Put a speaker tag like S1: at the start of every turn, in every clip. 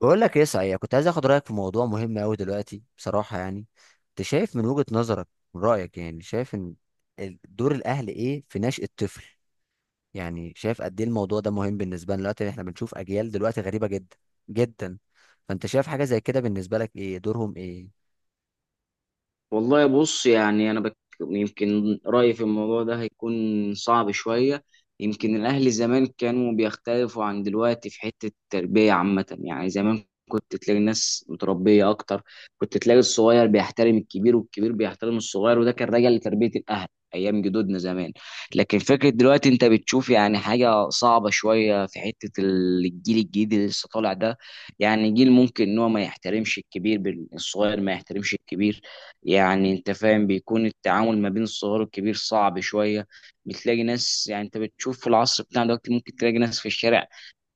S1: بقول لك ايه، صحيح كنت عايز اخد رايك في موضوع مهم قوي دلوقتي بصراحه. يعني انت شايف من وجهه نظرك؟ من رايك يعني شايف ان دور الاهل ايه في نشأة الطفل؟ يعني شايف قد ايه الموضوع ده مهم بالنسبه لنا دلوقتي؟ احنا بنشوف اجيال دلوقتي غريبه جدا جدا. فانت شايف حاجه زي كده؟ بالنسبه لك ايه دورهم، ايه؟
S2: والله، بص يعني انا يمكن رايي في الموضوع ده هيكون صعب شويه. يمكن الاهل زمان كانوا بيختلفوا عن دلوقتي في حته التربيه عامه. يعني زمان كنت تلاقي الناس متربيه اكتر، كنت تلاقي الصغير بيحترم الكبير والكبير بيحترم الصغير، وده كان راجع لتربيه الاهل ايام جدودنا زمان. لكن فكره دلوقتي انت بتشوف يعني حاجه صعبه شويه في حته الجيل الجديد اللي لسه طالع ده. يعني جيل ممكن ان هو ما يحترمش الكبير، الصغير ما يحترمش الكبير. يعني انت فاهم، بيكون التعامل ما بين الصغير والكبير صعب شويه. بتلاقي ناس، يعني انت بتشوف في العصر بتاعنا دلوقتي ممكن تلاقي ناس في الشارع،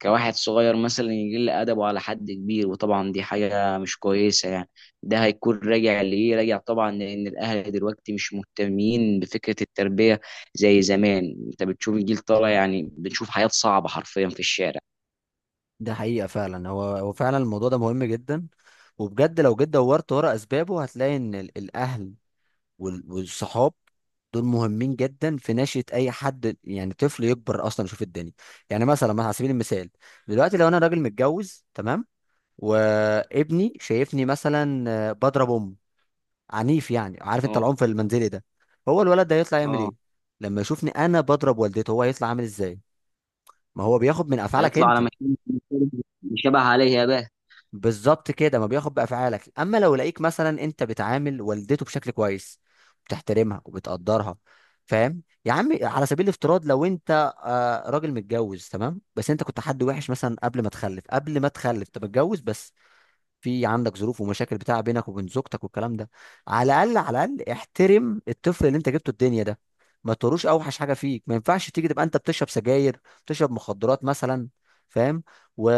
S2: كواحد صغير مثلا يقل ادبه على حد كبير، وطبعا دي حاجه مش كويسه يعني. ده هيكون راجع لايه؟ راجع طبعا لان الاهل دلوقتي مش مهتمين بفكره التربيه زي زمان. انت بتشوف الجيل طالع، يعني بنشوف حياه صعبه حرفيا في الشارع.
S1: ده حقيقه فعلا. هو فعلا الموضوع ده مهم جدا. وبجد لو جيت دورت ورا اسبابه، هتلاقي ان الاهل والصحاب دول مهمين جدا في نشأة أي حد. يعني طفل يكبر أصلا يشوف الدنيا، يعني مثلا على سبيل المثال، دلوقتي لو أنا راجل متجوز تمام، وابني شايفني مثلا بضرب أم، عنيف، يعني عارف أنت
S2: اه.
S1: العنف المنزلي ده. هو الولد ده هيطلع يعمل
S2: اه.
S1: إيه؟ لما يشوفني أنا بضرب والدته، هو هيطلع عامل إزاي؟ ما هو بياخد من أفعالك
S2: هيطلع على
S1: أنت.
S2: مكان، مش شبه عليه يا باه.
S1: بالظبط كده، ما بياخد بافعالك. اما لو لقيك مثلا انت بتعامل والدته بشكل كويس، بتحترمها وبتقدرها، فاهم يا عم؟ على سبيل الافتراض، لو انت راجل متجوز تمام، بس انت كنت حد وحش مثلا قبل ما تخلف انت متجوز بس، في عندك ظروف ومشاكل بتاع بينك وبين زوجتك والكلام ده، على الاقل على الاقل احترم الطفل اللي انت جبته الدنيا ده. ما تروش اوحش حاجه فيك، ما ينفعش تيجي تبقى انت بتشرب سجاير، بتشرب مخدرات مثلا، فاهم؟ و...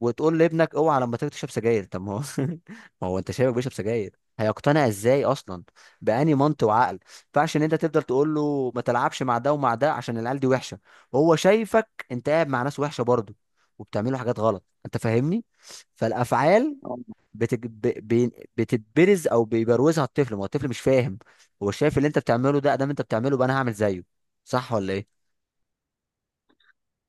S1: وتقول لابنك اوعى لما تيجي تشرب سجاير؟ طب ما هو ما هو انت شايفه بيشرب سجاير، هيقتنع ازاي اصلا؟ بأني منطق وعقل، ما ينفعش ان انت تفضل تقول له ما تلعبش مع ده ومع ده عشان العيال دي وحشه، وهو شايفك انت قاعد مع ناس وحشه برضه، وبتعملوا حاجات غلط، انت فاهمني؟ فالافعال بتج... ب... بتتبرز او بيبروزها الطفل. ما هو الطفل مش فاهم. هو شايف اللي انت بتعمله ده، ادام انت بتعمله، بقى انا هعمل زيه. صح ولا ايه؟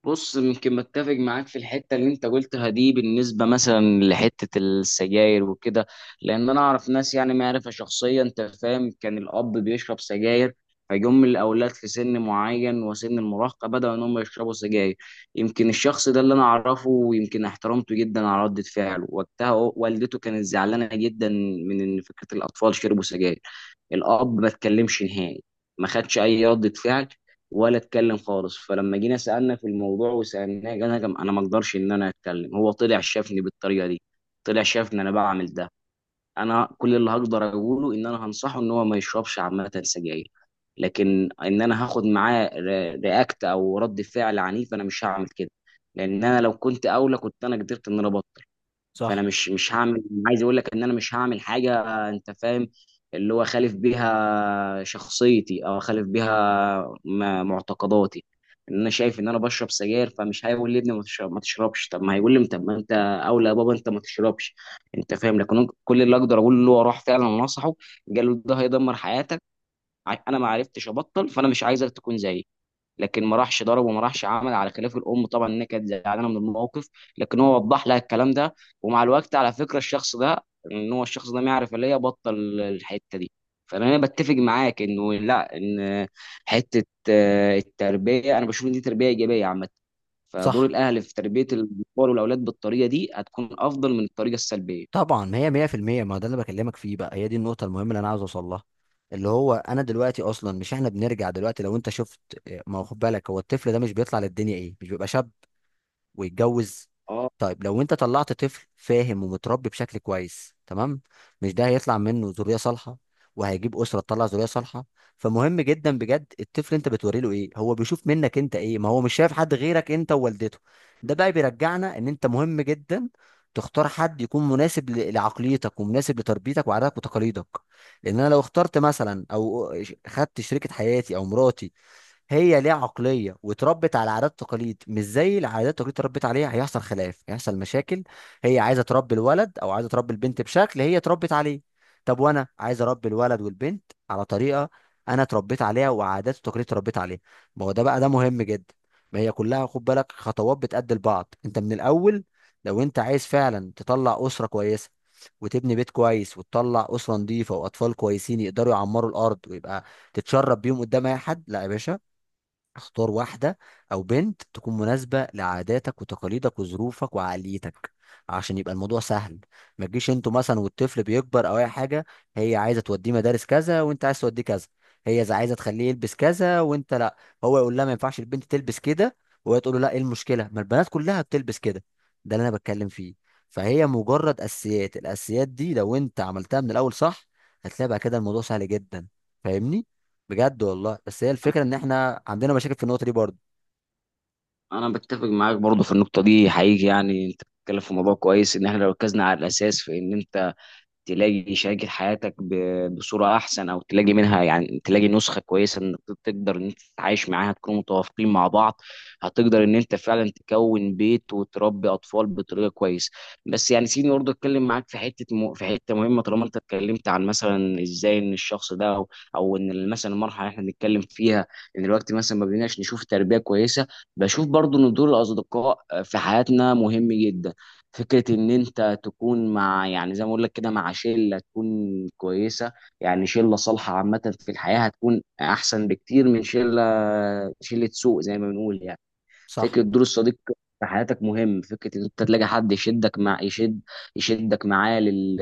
S2: بص، يمكن متفق معاك في الحته اللي انت قلتها دي بالنسبه مثلا لحته السجاير وكده. لان انا اعرف ناس، يعني معرفه شخصيه، انت فاهم، كان الاب بيشرب سجاير، فيجم الاولاد في سن معين وسن المراهقه بداوا ان هم يشربوا سجاير. يمكن الشخص ده اللي انا اعرفه ويمكن احترمته جدا على رده فعله وقتها، والدته كانت زعلانه جدا من ان فكره الاطفال شربوا سجاير. الاب ما اتكلمش نهائي، ما خدش اي ردة فعل، ولا اتكلم خالص. فلما جينا سالنا في الموضوع وسالناه، قال: انا ما اقدرش ان انا اتكلم، هو طلع شافني بالطريقه دي، طلع شافني انا بعمل ده. انا كل اللي هقدر اقوله ان انا هنصحه ان هو ما يشربش عامه سجاير. لكن ان انا هاخد معاه رياكت او رد فعل عنيف، انا مش هعمل كده. لان انا لو كنت اولى كنت انا قدرت ان انا ابطل. فانا
S1: صح،
S2: مش هعمل، عايز اقول لك ان انا مش هعمل حاجه، انت فاهم، اللي هو خالف بيها شخصيتي او خالف بيها معتقداتي. ان انا شايف ان انا بشرب سجاير، فمش هيقول لي ابني ما تشربش، طب ما هيقول لي: طب ما انت اولى يا بابا، انت ما تشربش. انت فاهم. لكن كل اللي اقدر اقول له، هو راح فعلا نصحه، قال له: ده هيدمر حياتك، انا ما عرفتش ابطل، فانا مش عايزك تكون زيي. لكن ما راحش ضرب وما راحش عمل على خلاف الام، طبعا انها كانت زعلانه من الموقف، لكن هو وضح لها الكلام ده. ومع الوقت على فكره الشخص ده، ان هو الشخص ده ما يعرف اللي هي بطل، الحته دي. فانا بتفق معاك انه لا، ان حته التربيه، انا بشوف ان دي تربيه ايجابيه عامه. فدور
S1: صح.
S2: الاهل في تربيه الاطفال والاولاد بالطريقه دي هتكون افضل من الطريقه السلبيه.
S1: طبعا ما هي 100%. ما هو ده اللي بكلمك فيه بقى، هي دي النقطة المهمة اللي أنا عاوز أوصل لها. اللي هو أنا دلوقتي أصلا مش، إحنا بنرجع دلوقتي، لو أنت شفت ما هو خد بالك، هو الطفل ده مش بيطلع للدنيا إيه؟ مش بيبقى شاب ويتجوز؟
S2: اه.
S1: طيب لو انت طلعت طفل فاهم ومتربي بشكل كويس تمام، مش ده هيطلع منه ذرية صالحة، وهيجيب أسرة تطلع ذرية صالحة؟ فمهم جدا بجد الطفل انت بتوري له ايه، هو بيشوف منك انت ايه، ما هو مش شايف حد غيرك انت ووالدته. ده بقى بيرجعنا ان انت مهم جدا تختار حد يكون مناسب لعقليتك ومناسب لتربيتك وعاداتك وتقاليدك. لان انا لو اخترت مثلا او خدت شريكة حياتي او مراتي، هي ليها عقليه واتربت على عادات تقاليد مش زي العادات التقاليد اتربت عليها، هيحصل خلاف، هيحصل مشاكل. هي عايزه تربي الولد او عايزه تربي البنت بشكل هي اتربت عليه، طب وانا عايز اربي الولد والبنت على طريقه انا اتربيت عليها وعادات وتقاليد اتربيت عليها. ما هو ده بقى، ده مهم جدا. ما هي كلها خد بالك خطوات بتأدي لبعض، انت من الاول لو انت عايز فعلا تطلع اسره كويسه، وتبني بيت كويس، وتطلع اسره نظيفه واطفال كويسين يقدروا يعمروا الارض، ويبقى تتشرب بيهم قدام اي حد، لا يا باشا. اختار واحدة أو بنت تكون مناسبة لعاداتك وتقاليدك وظروفك وعقليتك، عشان يبقى الموضوع سهل. ما تجيش انتوا مثلا والطفل بيكبر أو أي حاجة، هي عايزة توديه مدارس كذا وانت عايز توديه كذا، هي عايزة تخليه يلبس كذا وانت لا، هو يقول لها ما ينفعش البنت تلبس كده، وهي تقول له لا، ايه المشكلة؟ ما البنات كلها بتلبس كده. ده اللي أنا بتكلم فيه. فهي مجرد الأساسيات دي لو انت عملتها من الأول صح، هتلاقي بقى كده الموضوع سهل جدا، فاهمني؟ بجد والله، بس هي
S2: انا
S1: الفكره ان احنا عندنا مشاكل في النقطه دي برضه.
S2: أنا بتفق معاك برضو في النقطه دي حقيقي. يعني انت بتتكلم في موضوع كويس، ان احنا لو ركزنا على الاساس في ان تلاقي شريكة حياتك بصورة أحسن، أو تلاقي منها يعني تلاقي نسخة كويسة إنك تقدر إن أنت تتعايش معاها، تكونوا متوافقين مع بعض، هتقدر إن أنت فعلا تكون بيت وتربي أطفال بطريقة كويسة. بس يعني سيبني برضه أتكلم معاك في حتة مهمة. طالما أنت اتكلمت عن مثلا إزاي إن الشخص ده أو إن مثلا المرحلة اللي إحنا بنتكلم فيها، إن الوقت مثلا ما بقيناش نشوف تربية كويسة. بشوف برضه إن دور الأصدقاء في حياتنا مهم جدا. فكرة إن أنت تكون مع، يعني زي ما أقول لك كده، مع شلة تكون كويسة. يعني شلة صالحة عامة في الحياة هتكون أحسن بكتير من شلة سوء زي ما بنقول يعني. فكره
S1: صح،
S2: دور الصديق في حياتك مهم، فكره ان انت تلاقي حد يشدك معاه لل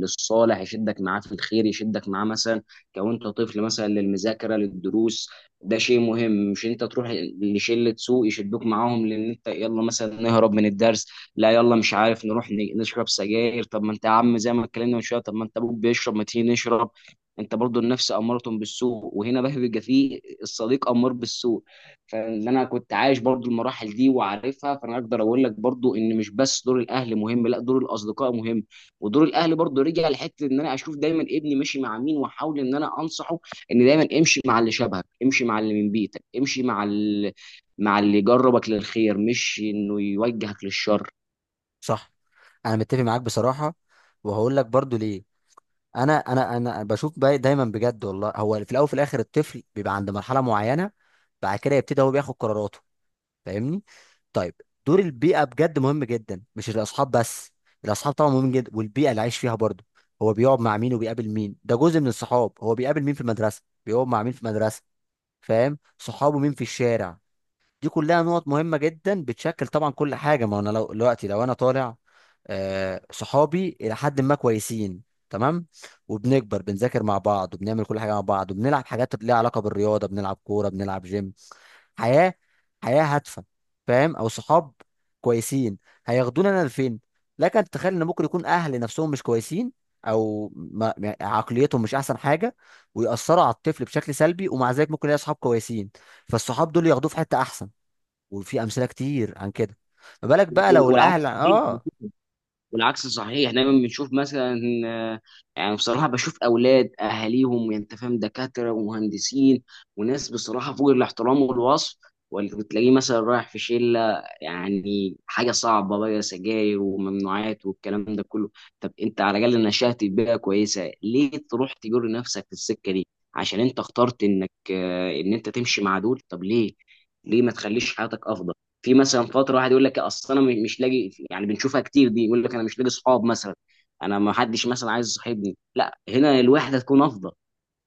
S2: للصالح يشدك معاه في الخير، يشدك معاه مثلا كونت طفل مثلا للمذاكره للدروس. ده شيء مهم. مش انت تروح لشله سوء يشدوك معاهم، لان انت يلا مثلا نهرب من الدرس، لا يلا مش عارف، نروح نشرب سجاير. طب ما انت يا عم زي ما اتكلمنا من شويه، طب ما انت ابوك بيشرب، ما تيجي نشرب. انت برضو النفس اماره بالسوء، وهنا بقى بيبقى فيه الصديق امار بالسوء. فان انا كنت عايش برضو المراحل دي وعارفها، فانا اقدر اقول لك برضو ان مش بس دور الاهل مهم، لا، دور الاصدقاء مهم. ودور الاهل برضو رجع لحته ان انا اشوف دايما ابني ماشي مع مين، واحاول ان انا انصحه ان دايما امشي مع اللي شبهك، امشي مع اللي من بيتك، امشي مع اللي يجربك للخير مش انه يوجهك للشر.
S1: صح. انا متفق معاك بصراحه، وهقول لك برضه ليه. انا بشوف بقى دايما بجد والله، هو في الاول وفي الاخر الطفل بيبقى عند مرحله معينه، بعد كده يبتدي هو بياخد قراراته، فاهمني؟ طيب، دور البيئه بجد مهم جدا، مش الاصحاب بس. الاصحاب طبعا مهم جدا والبيئه اللي عايش فيها برضه. هو بيقعد مع مين وبيقابل مين، ده جزء من الصحاب، هو بيقابل مين في المدرسه، بيقعد مع مين في المدرسه، فاهم؟ صحابه مين في الشارع؟ دي كلها نقط مهمة جدا بتشكل طبعا كل حاجة. ما انا لو دلوقتي، لو انا طالع صحابي الى حد ما كويسين تمام، وبنكبر بنذاكر مع بعض، وبنعمل كل حاجة مع بعض، وبنلعب حاجات ليها علاقة بالرياضة، بنلعب كورة، بنلعب جيم، حياة حياة هادفة، فاهم؟ او صحاب كويسين، هياخدونا انا لفين. لكن تخيل ان ممكن يكون اهل نفسهم مش كويسين، او ما عقليتهم مش احسن حاجة، ويأثروا على الطفل بشكل سلبي، ومع ذلك ممكن يلاقي صحاب كويسين، فالصحاب دول ياخدوه في حتة احسن. وفي امثله كتير عن كده. ما بالك بقى
S2: وال-
S1: لو
S2: والعكس
S1: الاهل اه.
S2: والعكس صحيح. دايما بنشوف مثلا آه، يعني بصراحه بشوف اولاد اهاليهم، يعني انت فاهم، دكاتره ومهندسين وناس بصراحه فوق الاحترام والوصف، واللي بتلاقيه مثلا رايح في شله، يعني حاجه صعبه بقى، سجاير وممنوعات والكلام ده كله. طب انت على الاقل نشأت في بيئه كويسه، ليه تروح تجر نفسك في السكه دي؟ عشان انت اخترت انك، ان انت تمشي مع دول. طب ليه ما تخليش حياتك افضل؟ في مثلا فتره واحد يقول لك: اصل انا مش لاقي، يعني بنشوفها كتير دي، يقول لك: انا مش لاقي صحاب مثلا، انا ما حدش مثلا عايز يصاحبني. لا، هنا الوحده تكون افضل.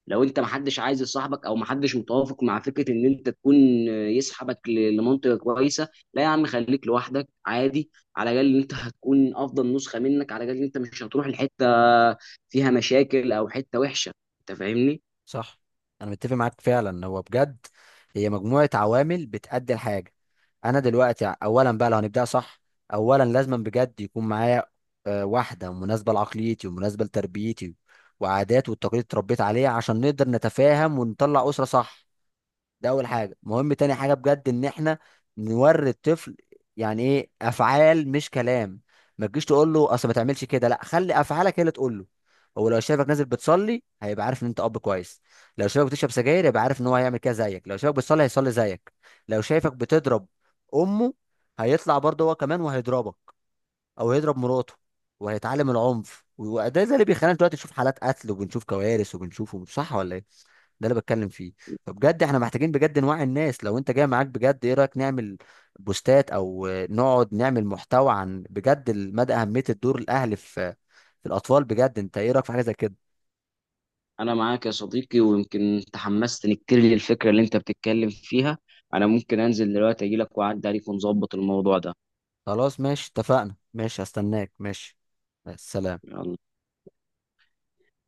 S2: لو انت ما حدش عايز يصاحبك، او ما حدش متوافق مع فكره ان انت تكون يسحبك لمنطقه كويسه، لا يا عم، خليك لوحدك عادي، على الاقل انت هتكون افضل نسخه منك، على الاقل انت مش هتروح لحته فيها مشاكل او حته وحشه. انت فاهمني.
S1: صح. انا متفق معاك فعلا، هو بجد هي مجموعه عوامل بتأدي الحاجه. انا دلوقتي اولا بقى، لو هنبدأ صح، اولا لازم بجد يكون معايا واحده مناسبه لعقليتي ومناسبه لتربيتي وعادات والتقاليد اللي اتربيت عليها، عشان نقدر نتفاهم ونطلع اسره صح. ده اول حاجه مهم. تاني حاجه بجد ان احنا نوري الطفل يعني ايه افعال مش كلام. ما تجيش تقول له اصل ما تعملش كده، لا، خلي افعالك هي اللي تقول له. هو لو شافك نازل بتصلي، هيبقى عارف ان انت اب كويس. لو شافك بتشرب سجاير، يبقى عارف ان هو هيعمل كده زيك. لو شافك بتصلي، هيصلي زيك. لو شايفك بتضرب امه، هيطلع برضه هو كمان وهيضربك، او يضرب مراته. وهيتعلم العنف، وده اللي بيخلينا دلوقتي نشوف حالات قتل، وبنشوف كوارث، وبنشوف. صح ولا ايه؟ ده اللي بتكلم فيه. فبجد احنا محتاجين بجد نوعي الناس. لو انت جاي معاك بجد، ايه رايك نعمل بوستات او نقعد نعمل محتوى عن بجد مدى اهميه الدور الاهلي في الاطفال بجد انت ايه رايك في حاجه زي كده؟
S2: انا معاك يا صديقي، ويمكن تحمست، نكر لي الفكره اللي انت بتتكلم فيها. انا ممكن انزل دلوقتي اجي لك واعدي عليك ونظبط الموضوع ده.
S1: خلاص ماشي اتفقنا، ماشي هستناك، ماشي، السلام.
S2: يلا.